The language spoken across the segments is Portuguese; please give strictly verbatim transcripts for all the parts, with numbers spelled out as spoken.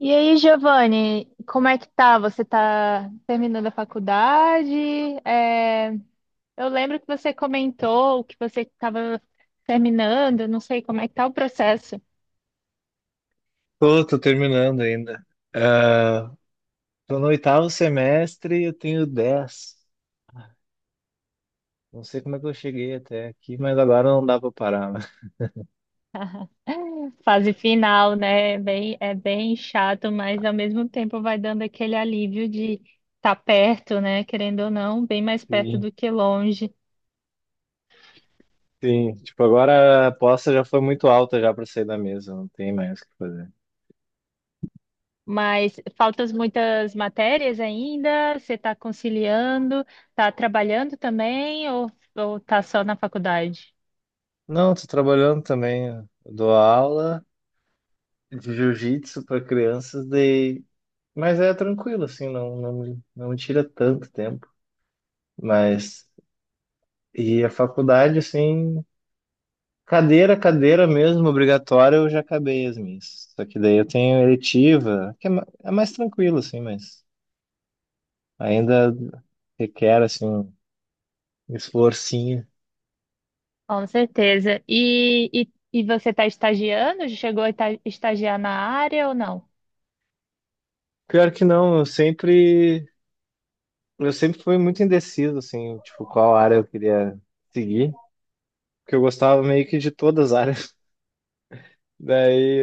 E aí, Giovanni, como é que tá? Você tá terminando a faculdade? É, eu lembro que você comentou que você estava terminando, não sei como é que tá o processo. Tô, tô terminando ainda. Ah, Tô no oitavo semestre e eu tenho dez. Não sei como é que eu cheguei até aqui, mas agora não dá pra parar, né? Fase final, né? Bem, é bem chato, mas ao mesmo tempo vai dando aquele alívio de estar perto, né? Querendo ou não, bem mais perto Sim, do que longe. sim. Tipo, agora a aposta já foi muito alta já pra sair da mesa, não tem mais o que fazer. Mas faltas muitas matérias ainda? Você está conciliando? Está trabalhando também ou ou está só na faculdade? Não, tô trabalhando também. Eu dou aula de jiu-jitsu pra crianças, daí... mas é tranquilo, assim, não, não, me- não me tira tanto tempo. Mas, e a faculdade, assim. Cadeira, cadeira mesmo, obrigatória, eu já acabei as minhas. Só que daí eu tenho eletiva, que é ma- é mais tranquilo, assim, mas ainda requer, assim, um esforcinho. Com certeza. E, e, e você está estagiando? Chegou a ita- estagiar na área ou não? Pior que não, eu sempre, eu sempre fui muito indeciso, assim, tipo, qual área eu queria seguir, porque eu gostava meio que de todas as áreas. Daí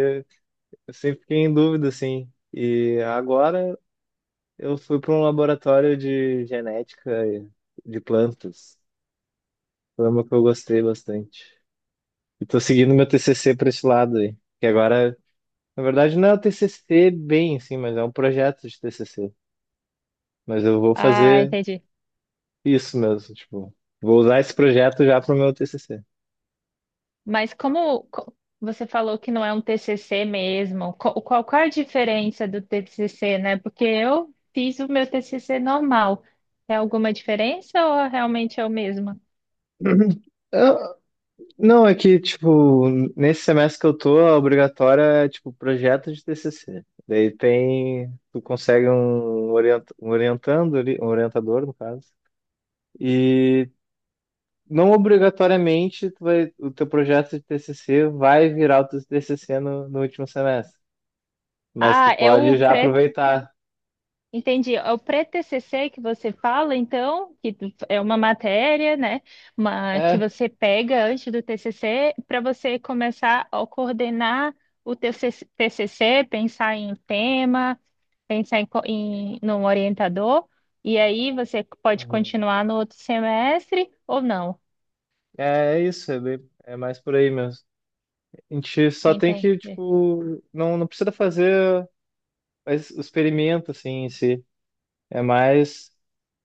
eu sempre fiquei em dúvida, assim. E agora eu fui para um laboratório de genética de plantas. Foi uma que eu gostei bastante. E tô seguindo meu T C C para esse lado aí. Que agora, na verdade, não é o T C C bem, assim, mas é um projeto de T C C. Mas eu vou Ah, fazer entendi. isso mesmo, tipo, vou usar esse projeto já pro meu T C C. Mas como co- você falou que não é um T C C mesmo, co- qual, qual a diferença do T C C, né? Porque eu fiz o meu T C C normal. É alguma diferença ou realmente é o mesmo? Uhum. Eu- não, é que, tipo, nesse semestre que eu tô, a obrigatória é, tipo, projeto de T C C. Daí tem, tu consegue um, orienta, um orientando ali, um orientador, no caso. E não obrigatoriamente tu vai, o teu projeto de T C C vai virar o teu T C C no, no último semestre, mas tu Ah, é o pode já aproveitar. Entendi. É o pré-T C C que você fala, então, que é uma matéria, né, uma, que É, você pega antes do T C C para você começar a coordenar o teu T C C, pensar em tema, pensar em, co- em num orientador, e aí você pode uhum. continuar no outro semestre ou não. É isso, é, bem- é mais por aí mesmo. A gente só tem Entendi. que, tipo, não, não precisa fazer as- o experimento assim em si, é mais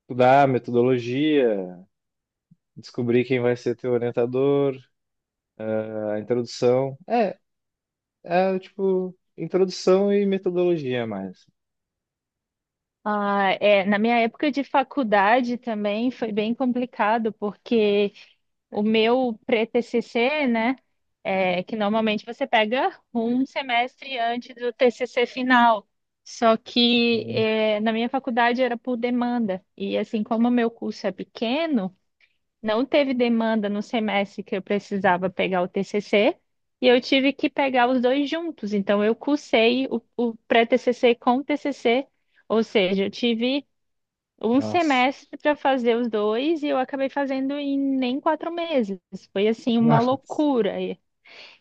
estudar a metodologia, descobrir quem vai ser teu orientador, a introdução. É, é tipo, introdução e metodologia mais. Ah, é, na minha época de faculdade também foi bem complicado, porque o meu pré-T C C, né, é que normalmente você pega um semestre antes do T C C final. Só que Uhum. é, na minha faculdade era por demanda. E assim, como o meu curso é pequeno, não teve demanda no semestre que eu precisava pegar o T C C e eu tive que pegar os dois juntos. Então, eu cursei o, o pré-T C C com o T C C, ou seja, eu tive um Nossa. semestre para fazer os dois e eu acabei fazendo em nem quatro meses. Foi assim uma Nossa. loucura. E,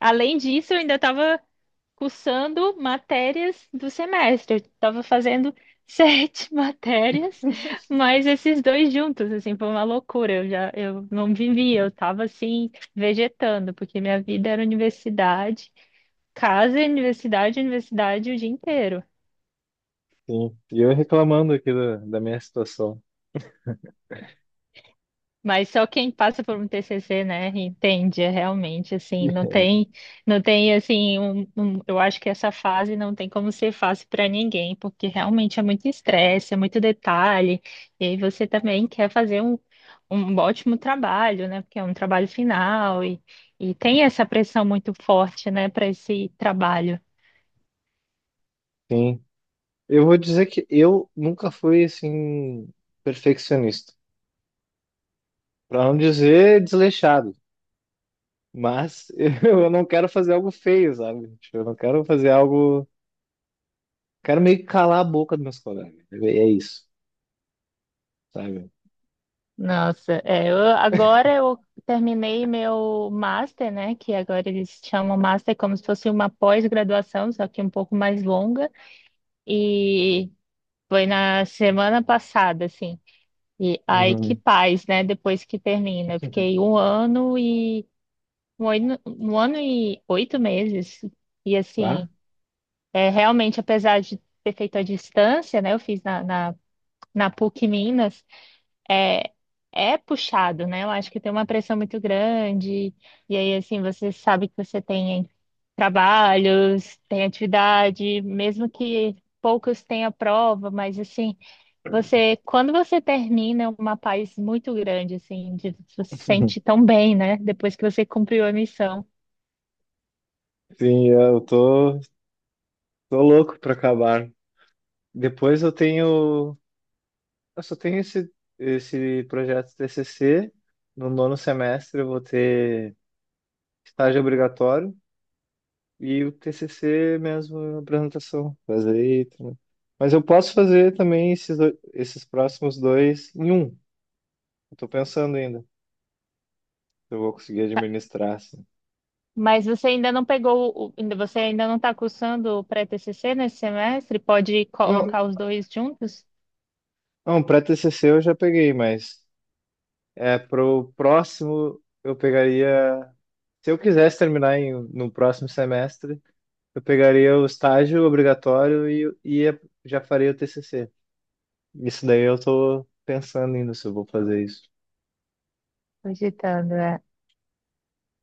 além disso, eu ainda estava cursando matérias do semestre. Eu estava fazendo sete matérias, mas esses dois juntos, assim, foi uma loucura. Eu já, eu não vivia, eu estava assim, vegetando, porque minha vida era universidade, casa, universidade, universidade o dia inteiro. Sim. E eu reclamando aqui da, da minha situação. Mas só quem passa por um T C C, né, entende é realmente assim, não tem, não tem assim, um, um- eu acho que essa fase não tem como ser fácil para ninguém, porque realmente é muito estresse, é muito detalhe, e aí você também quer fazer um, um ótimo trabalho, né, porque é um trabalho final e, e tem essa pressão muito forte, né, para esse trabalho. Sim. Eu vou dizer que eu nunca fui assim perfeccionista, para não dizer desleixado, mas eu não quero fazer algo feio, sabe? Tipo, eu não quero fazer algo, quero meio que calar a boca dos meus colegas. É é isso, sabe? Nossa, é, eu- agora eu terminei meu master, né? Que agora eles chamam master como se fosse uma pós-graduação, só que um pouco mais longa. E foi na semana passada, assim. E aí que Uhum. paz, né? Depois que termina. Eu fiquei um ano e um ano, um ano e oito meses. E Tá? assim, é realmente, apesar de ter feito à distância, né? Eu fiz na, na, na PUC Minas. É, é puxado, né? Eu acho que tem uma pressão muito grande. E aí, assim, você sabe que você tem trabalhos, tem atividade, mesmo que poucos tenham prova, mas assim, você, quando você termina, é uma paz muito grande, assim, de, você se sente tão bem, né? Depois que você cumpriu a missão. Sim, eu tô, tô louco para acabar. Depois eu tenho eu só tenho esse, esse projeto T C C. No nono semestre eu vou ter estágio obrigatório e o T C C mesmo, apresentação. Fazer aí. Também. Mas eu posso fazer também esses, do- esses próximos dois em um. Eu tô pensando ainda se eu vou conseguir administrar, assim. Mas você ainda não pegou, o- ainda você ainda não está cursando o pré-T C C nesse semestre? Pode Não, colocar os dois juntos? não, pré-T C C eu já peguei, mas é pro próximo eu pegaria... Se eu quisesse terminar em, no próximo semestre, eu pegaria o estágio obrigatório e, e ia- já faria o T C C. Isso daí eu tô pensando ainda se eu vou fazer isso. Cogitando,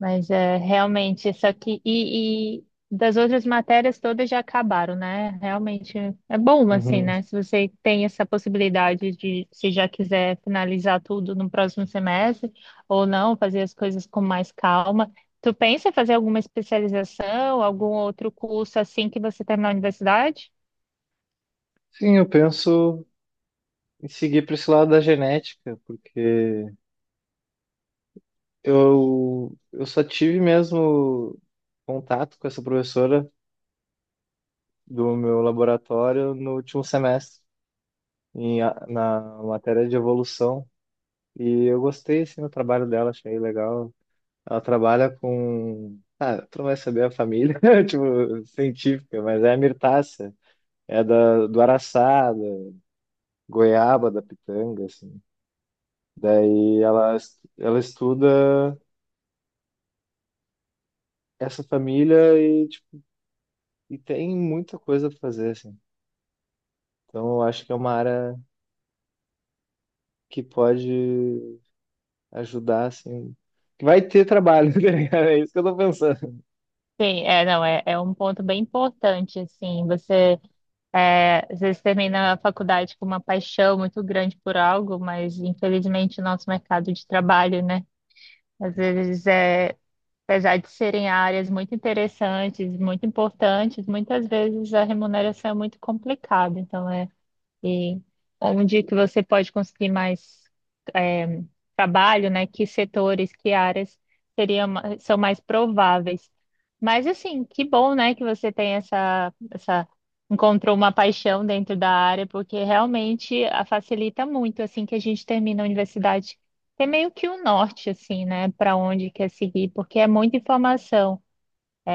mas é realmente isso aqui. E, e das outras matérias todas já acabaram, né? Realmente é bom, assim, Uhum. né? Se você tem essa possibilidade de, se já quiser finalizar tudo no próximo semestre, ou não, fazer as coisas com mais calma. Tu pensa em fazer alguma especialização, algum outro curso assim que você terminar a universidade? Sim, eu penso em seguir para esse lado da genética, porque eu, eu só tive mesmo contato com essa professora do meu laboratório no último semestre, em, a- na matéria de evolução. E eu gostei assim, do trabalho dela, achei legal. Ela trabalha com. Ah, tu não vai saber a família, tipo, científica, mas é a mirtácea. É da, do araçá, da goiaba, da pitanga, assim. Daí ela, es- ela estuda essa família e, tipo, e tem muita coisa pra fazer, assim. Então eu acho que é uma área que pode ajudar, assim. Que vai ter trabalho, tá ligado? É isso que eu tô pensando. Sim, é, não, é, é um ponto bem importante, assim, você. É, às vezes termina a faculdade com uma paixão muito grande por algo, mas infelizmente o nosso mercado de trabalho, né? Às Uhum. vezes é, apesar de serem áreas muito interessantes, muito importantes, muitas vezes a remuneração é muito complicada. Então é e onde que você pode conseguir mais é, trabalho, né? Que setores, que áreas seriam, ma- são mais prováveis. Mas assim, que bom, né, que você tem essa, essa encontrou uma paixão dentro da área, porque realmente a facilita muito assim que a gente termina a universidade. Tem meio que o norte, assim, né, para onde quer seguir, porque é muita informação.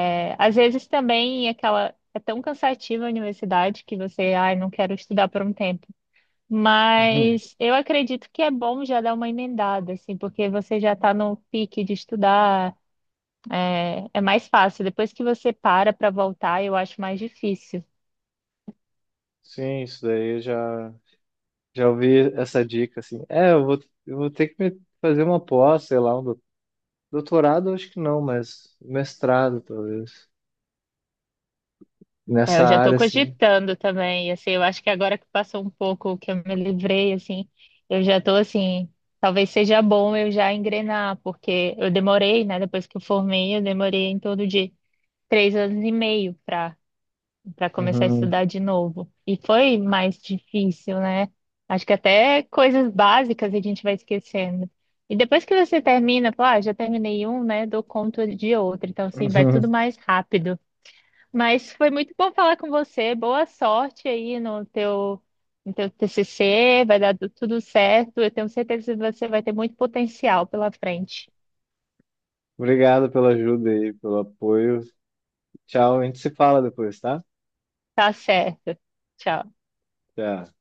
É, às vezes também é aquela é tão cansativa a universidade que você, ai, não quero estudar por um tempo. Uhum. Mas eu acredito que é bom já dar uma emendada, assim, porque você já está no pique de estudar, é, é mais fácil. Depois que você para para voltar, eu acho mais difícil. Sim, isso daí já. Já ouvi essa dica, assim. É, eu vou, eu vou ter que me- fazer uma pós, sei lá, um do- doutorado, acho que não, mas mestrado, talvez. É, Nessa eu já estou área, assim. cogitando também, assim, eu acho que agora que passou um pouco que eu me livrei, assim, eu já estou assim, talvez seja bom eu já engrenar, porque eu demorei, né? Depois que eu formei, eu demorei em torno de três anos e meio para para começar a Uhum, estudar de novo. E foi mais difícil, né? Acho que até coisas básicas a gente vai esquecendo. E depois que você termina, fala, ah, já terminei um, né? Dou conta de outro. Então, assim, vai uhum. tudo mais rápido. Mas foi muito bom falar com você. Boa sorte aí no teu, no teu T C C. Vai dar tu- tudo certo. Eu tenho certeza que você vai ter muito potencial pela frente. Obrigado pela ajuda aí, pelo apoio. Tchau, a gente se fala depois, tá? Tá certo. Tchau. Tchau.